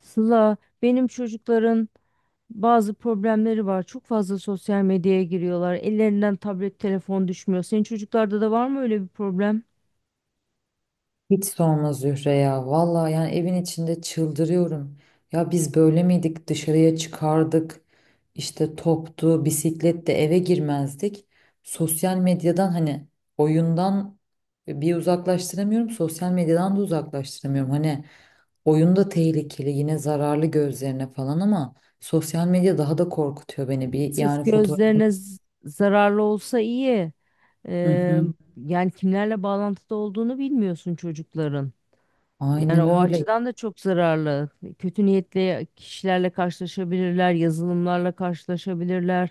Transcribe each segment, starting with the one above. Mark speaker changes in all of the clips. Speaker 1: Sıla, benim çocukların bazı problemleri var. Çok fazla sosyal medyaya giriyorlar. Ellerinden tablet, telefon düşmüyor. Senin çocuklarda da var mı öyle bir problem?
Speaker 2: Hiç sorma Zühre ya. Vallahi yani evin içinde çıldırıyorum. Ya biz böyle miydik? Dışarıya çıkardık. İşte toptu, bisikletle eve girmezdik. Sosyal medyadan hani oyundan bir uzaklaştıramıyorum. Sosyal medyadan da uzaklaştıramıyorum. Hani oyunda tehlikeli, yine zararlı gözlerine falan ama sosyal medya daha da korkutuyor beni. Bir
Speaker 1: Sırf
Speaker 2: yani fotoğrafın.
Speaker 1: gözlerine zararlı olsa iyi.
Speaker 2: Hı
Speaker 1: Ee,
Speaker 2: hı.
Speaker 1: Yani kimlerle bağlantıda olduğunu bilmiyorsun çocukların. Yani
Speaker 2: Aynen
Speaker 1: o
Speaker 2: öyle.
Speaker 1: açıdan da çok zararlı. Kötü niyetli kişilerle karşılaşabilirler, yazılımlarla karşılaşabilirler.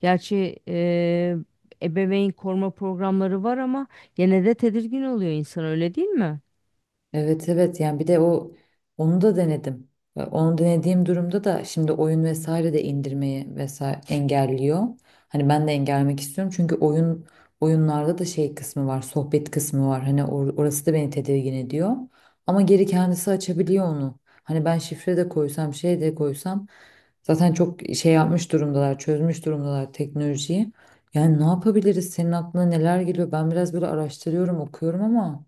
Speaker 1: Gerçi ebeveyn koruma programları var ama gene de tedirgin oluyor insan, öyle değil mi?
Speaker 2: Evet, evet, yani bir de onu da denedim. Ve onu denediğim durumda da şimdi oyun vesaire de indirmeyi vesaire engelliyor. Hani ben de engellemek istiyorum çünkü oyunlarda da şey kısmı var, sohbet kısmı var. Hani orası da beni tedirgin ediyor. Ama geri kendisi açabiliyor onu. Hani ben şifre de koysam, şey de koysam zaten çok şey yapmış durumdalar, çözmüş durumdalar teknolojiyi. Yani ne yapabiliriz? Senin aklına neler geliyor? Ben biraz böyle araştırıyorum, okuyorum ama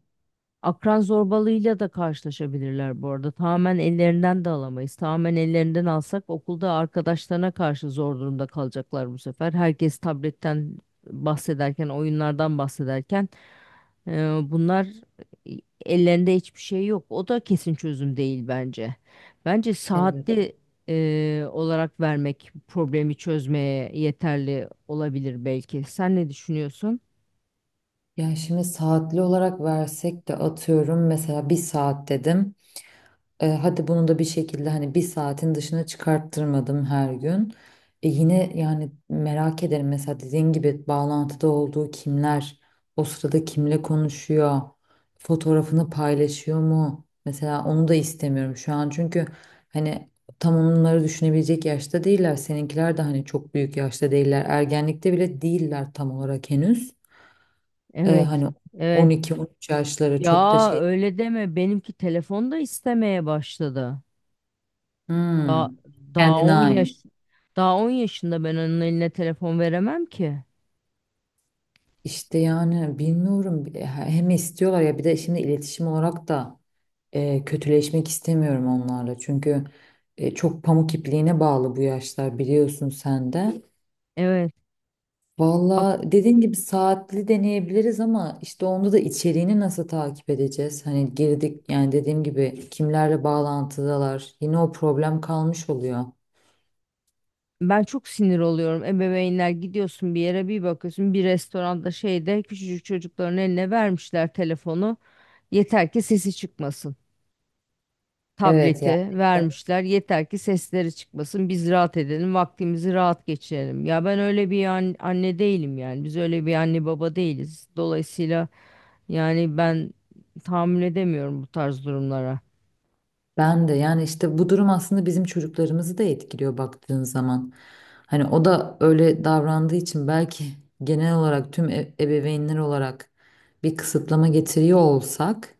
Speaker 1: Akran zorbalığıyla da karşılaşabilirler bu arada. Tamamen ellerinden de alamayız. Tamamen ellerinden alsak okulda arkadaşlarına karşı zor durumda kalacaklar bu sefer. Herkes tabletten bahsederken, oyunlardan bahsederken, bunlar e, ellerinde hiçbir şey yok. O da kesin çözüm değil bence. Bence
Speaker 2: evet.
Speaker 1: saatli olarak vermek problemi çözmeye yeterli olabilir belki. Sen ne düşünüyorsun?
Speaker 2: Yani şimdi saatli olarak versek de atıyorum mesela bir saat dedim. Hadi bunu da bir şekilde hani bir saatin dışına çıkarttırmadım her gün. Yine yani merak ederim mesela dediğin gibi bağlantıda olduğu kimler, o sırada kimle konuşuyor, fotoğrafını paylaşıyor mu? Mesela onu da istemiyorum şu an çünkü hani tam onları düşünebilecek yaşta değiller. Seninkiler de hani çok büyük yaşta değiller. Ergenlikte bile değiller tam olarak henüz.
Speaker 1: Evet,
Speaker 2: Hani
Speaker 1: evet.
Speaker 2: 12-13 yaşlara çok da
Speaker 1: Ya
Speaker 2: şey
Speaker 1: öyle deme. Benimki telefon da istemeye başladı. Daha
Speaker 2: hmm,
Speaker 1: daha
Speaker 2: kendine
Speaker 1: 10
Speaker 2: ait.
Speaker 1: yaş daha 10 yaşında ben onun eline telefon veremem ki.
Speaker 2: İşte yani bilmiyorum hem istiyorlar ya bir de şimdi iletişim olarak da kötüleşmek istemiyorum onlarla. Çünkü çok pamuk ipliğine bağlı bu yaşlar biliyorsun sen de.
Speaker 1: Evet.
Speaker 2: Valla dediğin gibi saatli deneyebiliriz ama işte onda da içeriğini nasıl takip edeceğiz? Hani girdik yani dediğim gibi kimlerle bağlantıdalar yine o problem kalmış oluyor.
Speaker 1: Ben çok sinir oluyorum. Ebeveynler, gidiyorsun bir yere, bir bakıyorsun bir restoranda şeyde, küçücük çocukların eline vermişler telefonu. Yeter ki sesi çıkmasın.
Speaker 2: Evet
Speaker 1: Tableti
Speaker 2: yani.
Speaker 1: vermişler. Yeter ki sesleri çıkmasın. Biz rahat edelim. Vaktimizi rahat geçirelim. Ya ben öyle bir anne değilim yani. Biz öyle bir anne baba değiliz. Dolayısıyla yani ben tahammül edemiyorum bu tarz durumlara.
Speaker 2: Ben de yani işte bu durum aslında bizim çocuklarımızı da etkiliyor baktığın zaman. Hani o da öyle davrandığı için belki genel olarak tüm ebeveynler olarak bir kısıtlama getiriyor olsak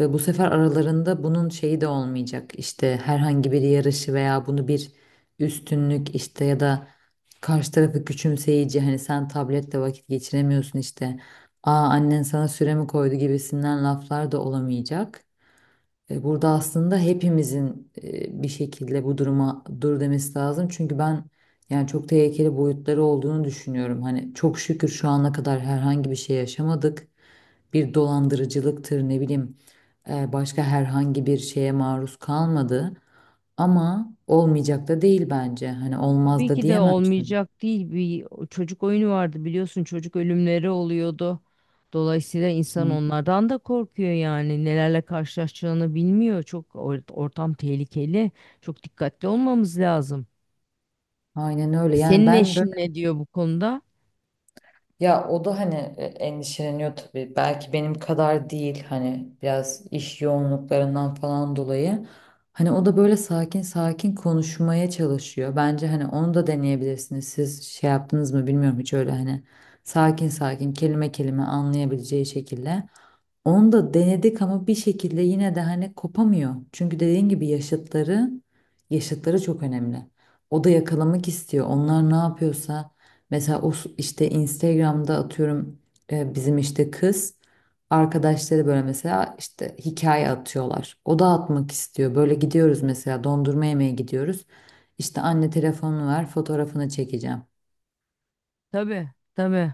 Speaker 2: ve bu sefer aralarında bunun şeyi de olmayacak. İşte herhangi bir yarışı veya bunu bir üstünlük işte ya da karşı tarafı küçümseyici hani sen tabletle vakit geçiremiyorsun işte. Aa annen sana süre mi koydu gibisinden laflar da olamayacak. Burada aslında hepimizin bir şekilde bu duruma dur demesi lazım. Çünkü ben yani çok tehlikeli boyutları olduğunu düşünüyorum. Hani çok şükür şu ana kadar herhangi bir şey yaşamadık. Bir dolandırıcılıktır ne bileyim başka herhangi bir şeye maruz kalmadı. Ama olmayacak da değil bence. Hani olmaz
Speaker 1: Tabii
Speaker 2: da
Speaker 1: ki de
Speaker 2: diyemem şimdi.
Speaker 1: olmayacak değil. Bir çocuk oyunu vardı biliyorsun, çocuk ölümleri oluyordu. Dolayısıyla insan
Speaker 2: Hı.
Speaker 1: onlardan da korkuyor yani, nelerle karşılaşacağını bilmiyor. Çok ortam tehlikeli. Çok dikkatli olmamız lazım.
Speaker 2: Aynen öyle. Yani
Speaker 1: Senin
Speaker 2: ben
Speaker 1: eşin ne diyor bu konuda?
Speaker 2: ya o da hani endişeleniyor tabii. Belki benim kadar değil hani biraz iş yoğunluklarından falan dolayı. Hani o da böyle sakin sakin konuşmaya çalışıyor. Bence hani onu da deneyebilirsiniz. Siz şey yaptınız mı bilmiyorum hiç öyle hani sakin sakin kelime kelime anlayabileceği şekilde. Onu da denedik ama bir şekilde yine de hani kopamıyor. Çünkü dediğin gibi yaşıtları çok önemli. O da yakalamak istiyor. Onlar ne yapıyorsa mesela o işte Instagram'da atıyorum, bizim işte kız arkadaşları böyle mesela işte hikaye atıyorlar. O da atmak istiyor. Böyle gidiyoruz mesela dondurma yemeye gidiyoruz. İşte anne telefonunu ver fotoğrafını çekeceğim.
Speaker 1: Tabii, tabii.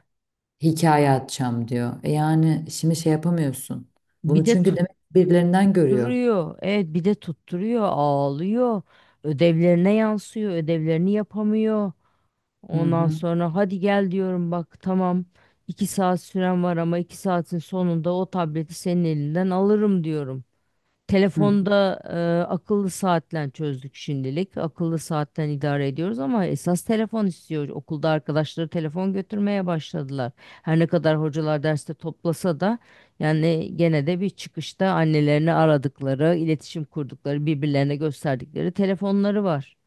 Speaker 2: Hikaye atacağım diyor. Yani şimdi şey yapamıyorsun.
Speaker 1: Bir
Speaker 2: Bunu
Speaker 1: de
Speaker 2: çünkü demek birilerinden görüyor.
Speaker 1: tutturuyor. Evet, bir de tutturuyor, ağlıyor. Ödevlerine yansıyor, ödevlerini yapamıyor.
Speaker 2: Hı
Speaker 1: Ondan
Speaker 2: hı.
Speaker 1: sonra hadi gel diyorum, bak tamam iki saat süren var ama iki saatin sonunda o tableti senin elinden alırım diyorum.
Speaker 2: Hı.
Speaker 1: Telefonda akıllı saatle çözdük şimdilik. Akıllı saatten idare ediyoruz ama esas telefon istiyor. Okulda arkadaşları telefon götürmeye başladılar. Her ne kadar hocalar derste toplasa da yani gene de bir çıkışta annelerini aradıkları, iletişim kurdukları, birbirlerine gösterdikleri telefonları var.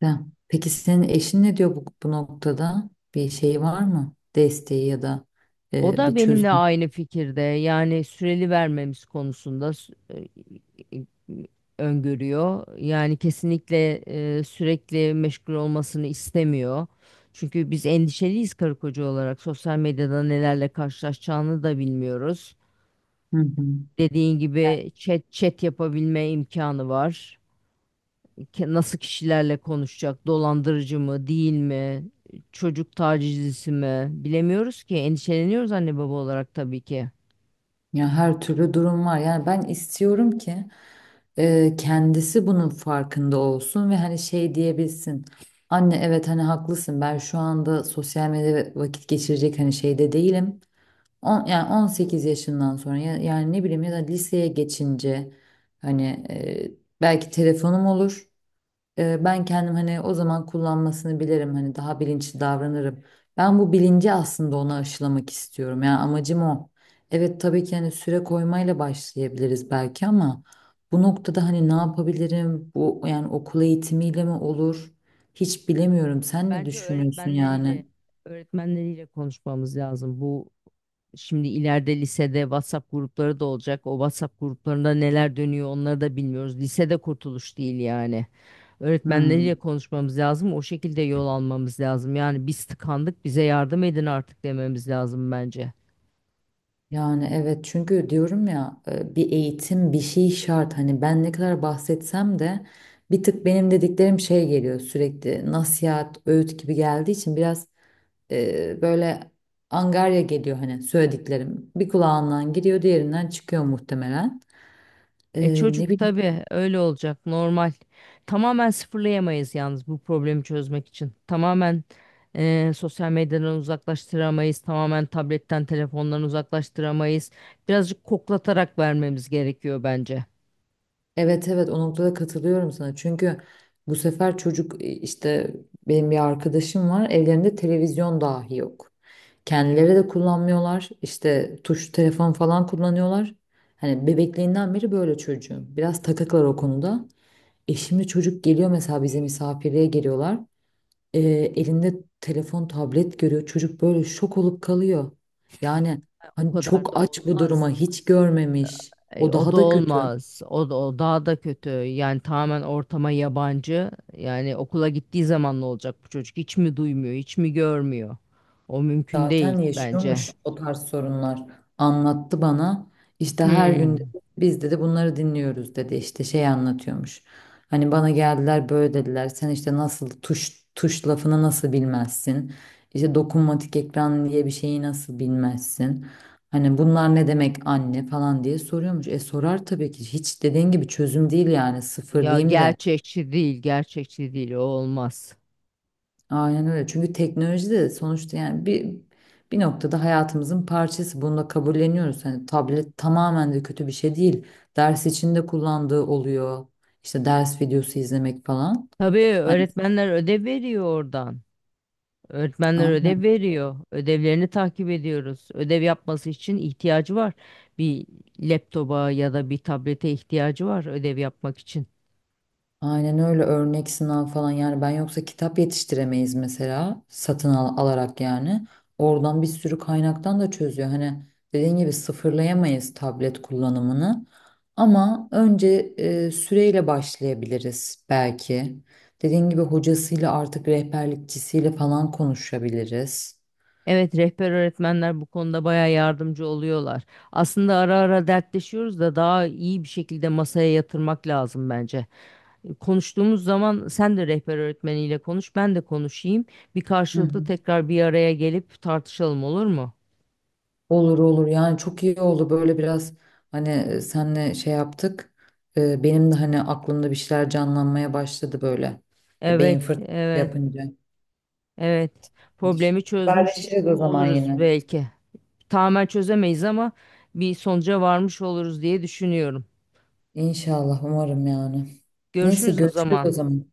Speaker 2: Güzel. Peki senin eşin ne diyor bu noktada? Bir şey var mı? Desteği ya da
Speaker 1: O da
Speaker 2: bir
Speaker 1: benimle
Speaker 2: çözüm.
Speaker 1: aynı fikirde. Yani süreli vermemiz konusunda e, öngörüyor. Yani kesinlikle sürekli meşgul olmasını istemiyor. Çünkü biz endişeliyiz karı koca olarak. Sosyal medyada nelerle karşılaşacağını da bilmiyoruz.
Speaker 2: Hı hı.
Speaker 1: Dediğin gibi chat chat yapabilme imkanı var. Nasıl kişilerle konuşacak? Dolandırıcı mı, değil mi? Çocuk tacizcisi mi? Bilemiyoruz ki. Endişeleniyoruz anne baba olarak tabii ki.
Speaker 2: Ya her türlü durum var. Yani ben istiyorum ki kendisi bunun farkında olsun ve hani şey diyebilsin. Anne evet hani haklısın. Ben şu anda sosyal medyada vakit geçirecek hani şeyde değilim. Yani 18 yaşından sonra yani ne bileyim ya da liseye geçince hani e, belki telefonum olur. Ben kendim hani o zaman kullanmasını bilirim hani daha bilinçli davranırım. Ben bu bilinci aslında ona aşılamak istiyorum. Yani amacım o. Evet tabii ki hani süre koymayla başlayabiliriz belki ama bu noktada hani ne yapabilirim? Bu yani okul eğitimiyle mi olur? Hiç bilemiyorum. Sen ne
Speaker 1: Bence
Speaker 2: düşünüyorsun yani?
Speaker 1: öğretmenleriyle konuşmamız lazım. Bu, şimdi ileride lisede WhatsApp grupları da olacak. O WhatsApp gruplarında neler dönüyor onları da bilmiyoruz. Lisede kurtuluş değil yani. Öğretmenleriyle
Speaker 2: Hmm.
Speaker 1: konuşmamız lazım. O şekilde yol almamız lazım. Yani biz tıkandık, bize yardım edin artık dememiz lazım bence.
Speaker 2: Yani evet çünkü diyorum ya bir eğitim bir şey şart hani ben ne kadar bahsetsem de bir tık benim dediklerim şey geliyor sürekli nasihat öğüt gibi geldiği için biraz böyle angarya geliyor hani söylediklerim bir kulağından giriyor diğerinden çıkıyor muhtemelen.
Speaker 1: E
Speaker 2: Ne
Speaker 1: çocuk
Speaker 2: bileyim
Speaker 1: tabii öyle olacak, normal. Tamamen sıfırlayamayız yalnız bu problemi çözmek için. Tamamen sosyal medyadan uzaklaştıramayız. Tamamen tabletten telefondan uzaklaştıramayız. Birazcık koklatarak vermemiz gerekiyor bence.
Speaker 2: evet, evet, o noktada katılıyorum sana. Çünkü bu sefer çocuk işte benim bir arkadaşım var. Evlerinde televizyon dahi yok. Kendileri de kullanmıyorlar. İşte tuş telefon falan kullanıyorlar. Hani bebekliğinden beri böyle çocuğum. Biraz takıklar o konuda. Şimdi çocuk geliyor mesela bize misafirliğe geliyorlar. E, Elinde telefon, tablet görüyor. Çocuk böyle şok olup kalıyor. Yani
Speaker 1: O
Speaker 2: hani
Speaker 1: kadar
Speaker 2: çok
Speaker 1: da
Speaker 2: aç bu duruma
Speaker 1: olmaz.
Speaker 2: hiç görmemiş. O
Speaker 1: O
Speaker 2: daha
Speaker 1: da
Speaker 2: da kötü.
Speaker 1: olmaz. O da o daha da kötü. Yani tamamen ortama yabancı. Yani okula gittiği zaman ne olacak bu çocuk? Hiç mi duymuyor, hiç mi görmüyor? O mümkün
Speaker 2: Zaten
Speaker 1: değil bence.
Speaker 2: yaşıyormuş o tarz sorunlar. Anlattı bana. İşte her gün
Speaker 1: Hmm.
Speaker 2: dedi, biz dedi bunları dinliyoruz dedi. İşte şey anlatıyormuş. Hani bana geldiler böyle dediler. Sen işte nasıl tuş tuş lafını nasıl bilmezsin? İşte dokunmatik ekran diye bir şeyi nasıl bilmezsin? Hani bunlar ne demek anne falan diye soruyormuş. E, sorar tabii ki. Hiç dediğin gibi çözüm değil yani. Sıfır
Speaker 1: Ya
Speaker 2: diyeyim de.
Speaker 1: gerçekçi değil, gerçekçi değil, o olmaz.
Speaker 2: Aynen öyle. Çünkü teknoloji de sonuçta yani bir noktada hayatımızın parçası. Bunu da kabulleniyoruz. Hani tablet tamamen de kötü bir şey değil. Ders içinde kullandığı oluyor. İşte ders videosu izlemek falan.
Speaker 1: Tabii
Speaker 2: Hani,
Speaker 1: öğretmenler ödev veriyor oradan. Öğretmenler ödev
Speaker 2: aynen.
Speaker 1: veriyor. Ödevlerini takip ediyoruz. Ödev yapması için ihtiyacı var. Bir laptopa ya da bir tablete ihtiyacı var ödev yapmak için.
Speaker 2: Aynen öyle örnek sınav falan yani ben yoksa kitap yetiştiremeyiz mesela satın alarak yani. Oradan bir sürü kaynaktan da çözüyor. Hani dediğin gibi sıfırlayamayız tablet kullanımını ama önce süreyle başlayabiliriz belki. Dediğin gibi hocasıyla artık rehberlikçisiyle falan konuşabiliriz.
Speaker 1: Evet, rehber öğretmenler bu konuda bayağı yardımcı oluyorlar. Aslında ara ara dertleşiyoruz da daha iyi bir şekilde masaya yatırmak lazım bence. Konuştuğumuz zaman sen de rehber öğretmeniyle konuş, ben de konuşayım. Bir karşılıklı tekrar bir araya gelip tartışalım, olur mu?
Speaker 2: Olur olur yani çok iyi oldu böyle biraz hani senle şey yaptık. Benim de hani aklımda bir şeyler canlanmaya başladı böyle. Beyin
Speaker 1: Evet,
Speaker 2: fırtınası
Speaker 1: evet,
Speaker 2: yapınca.
Speaker 1: evet. Problemi çözmüş
Speaker 2: Haberleşiriz o zaman
Speaker 1: oluruz
Speaker 2: yine.
Speaker 1: belki. Tamamen çözemeyiz ama bir sonuca varmış oluruz diye düşünüyorum.
Speaker 2: İnşallah umarım yani. Neyse
Speaker 1: Görüşürüz o
Speaker 2: görüşürüz o
Speaker 1: zaman.
Speaker 2: zaman.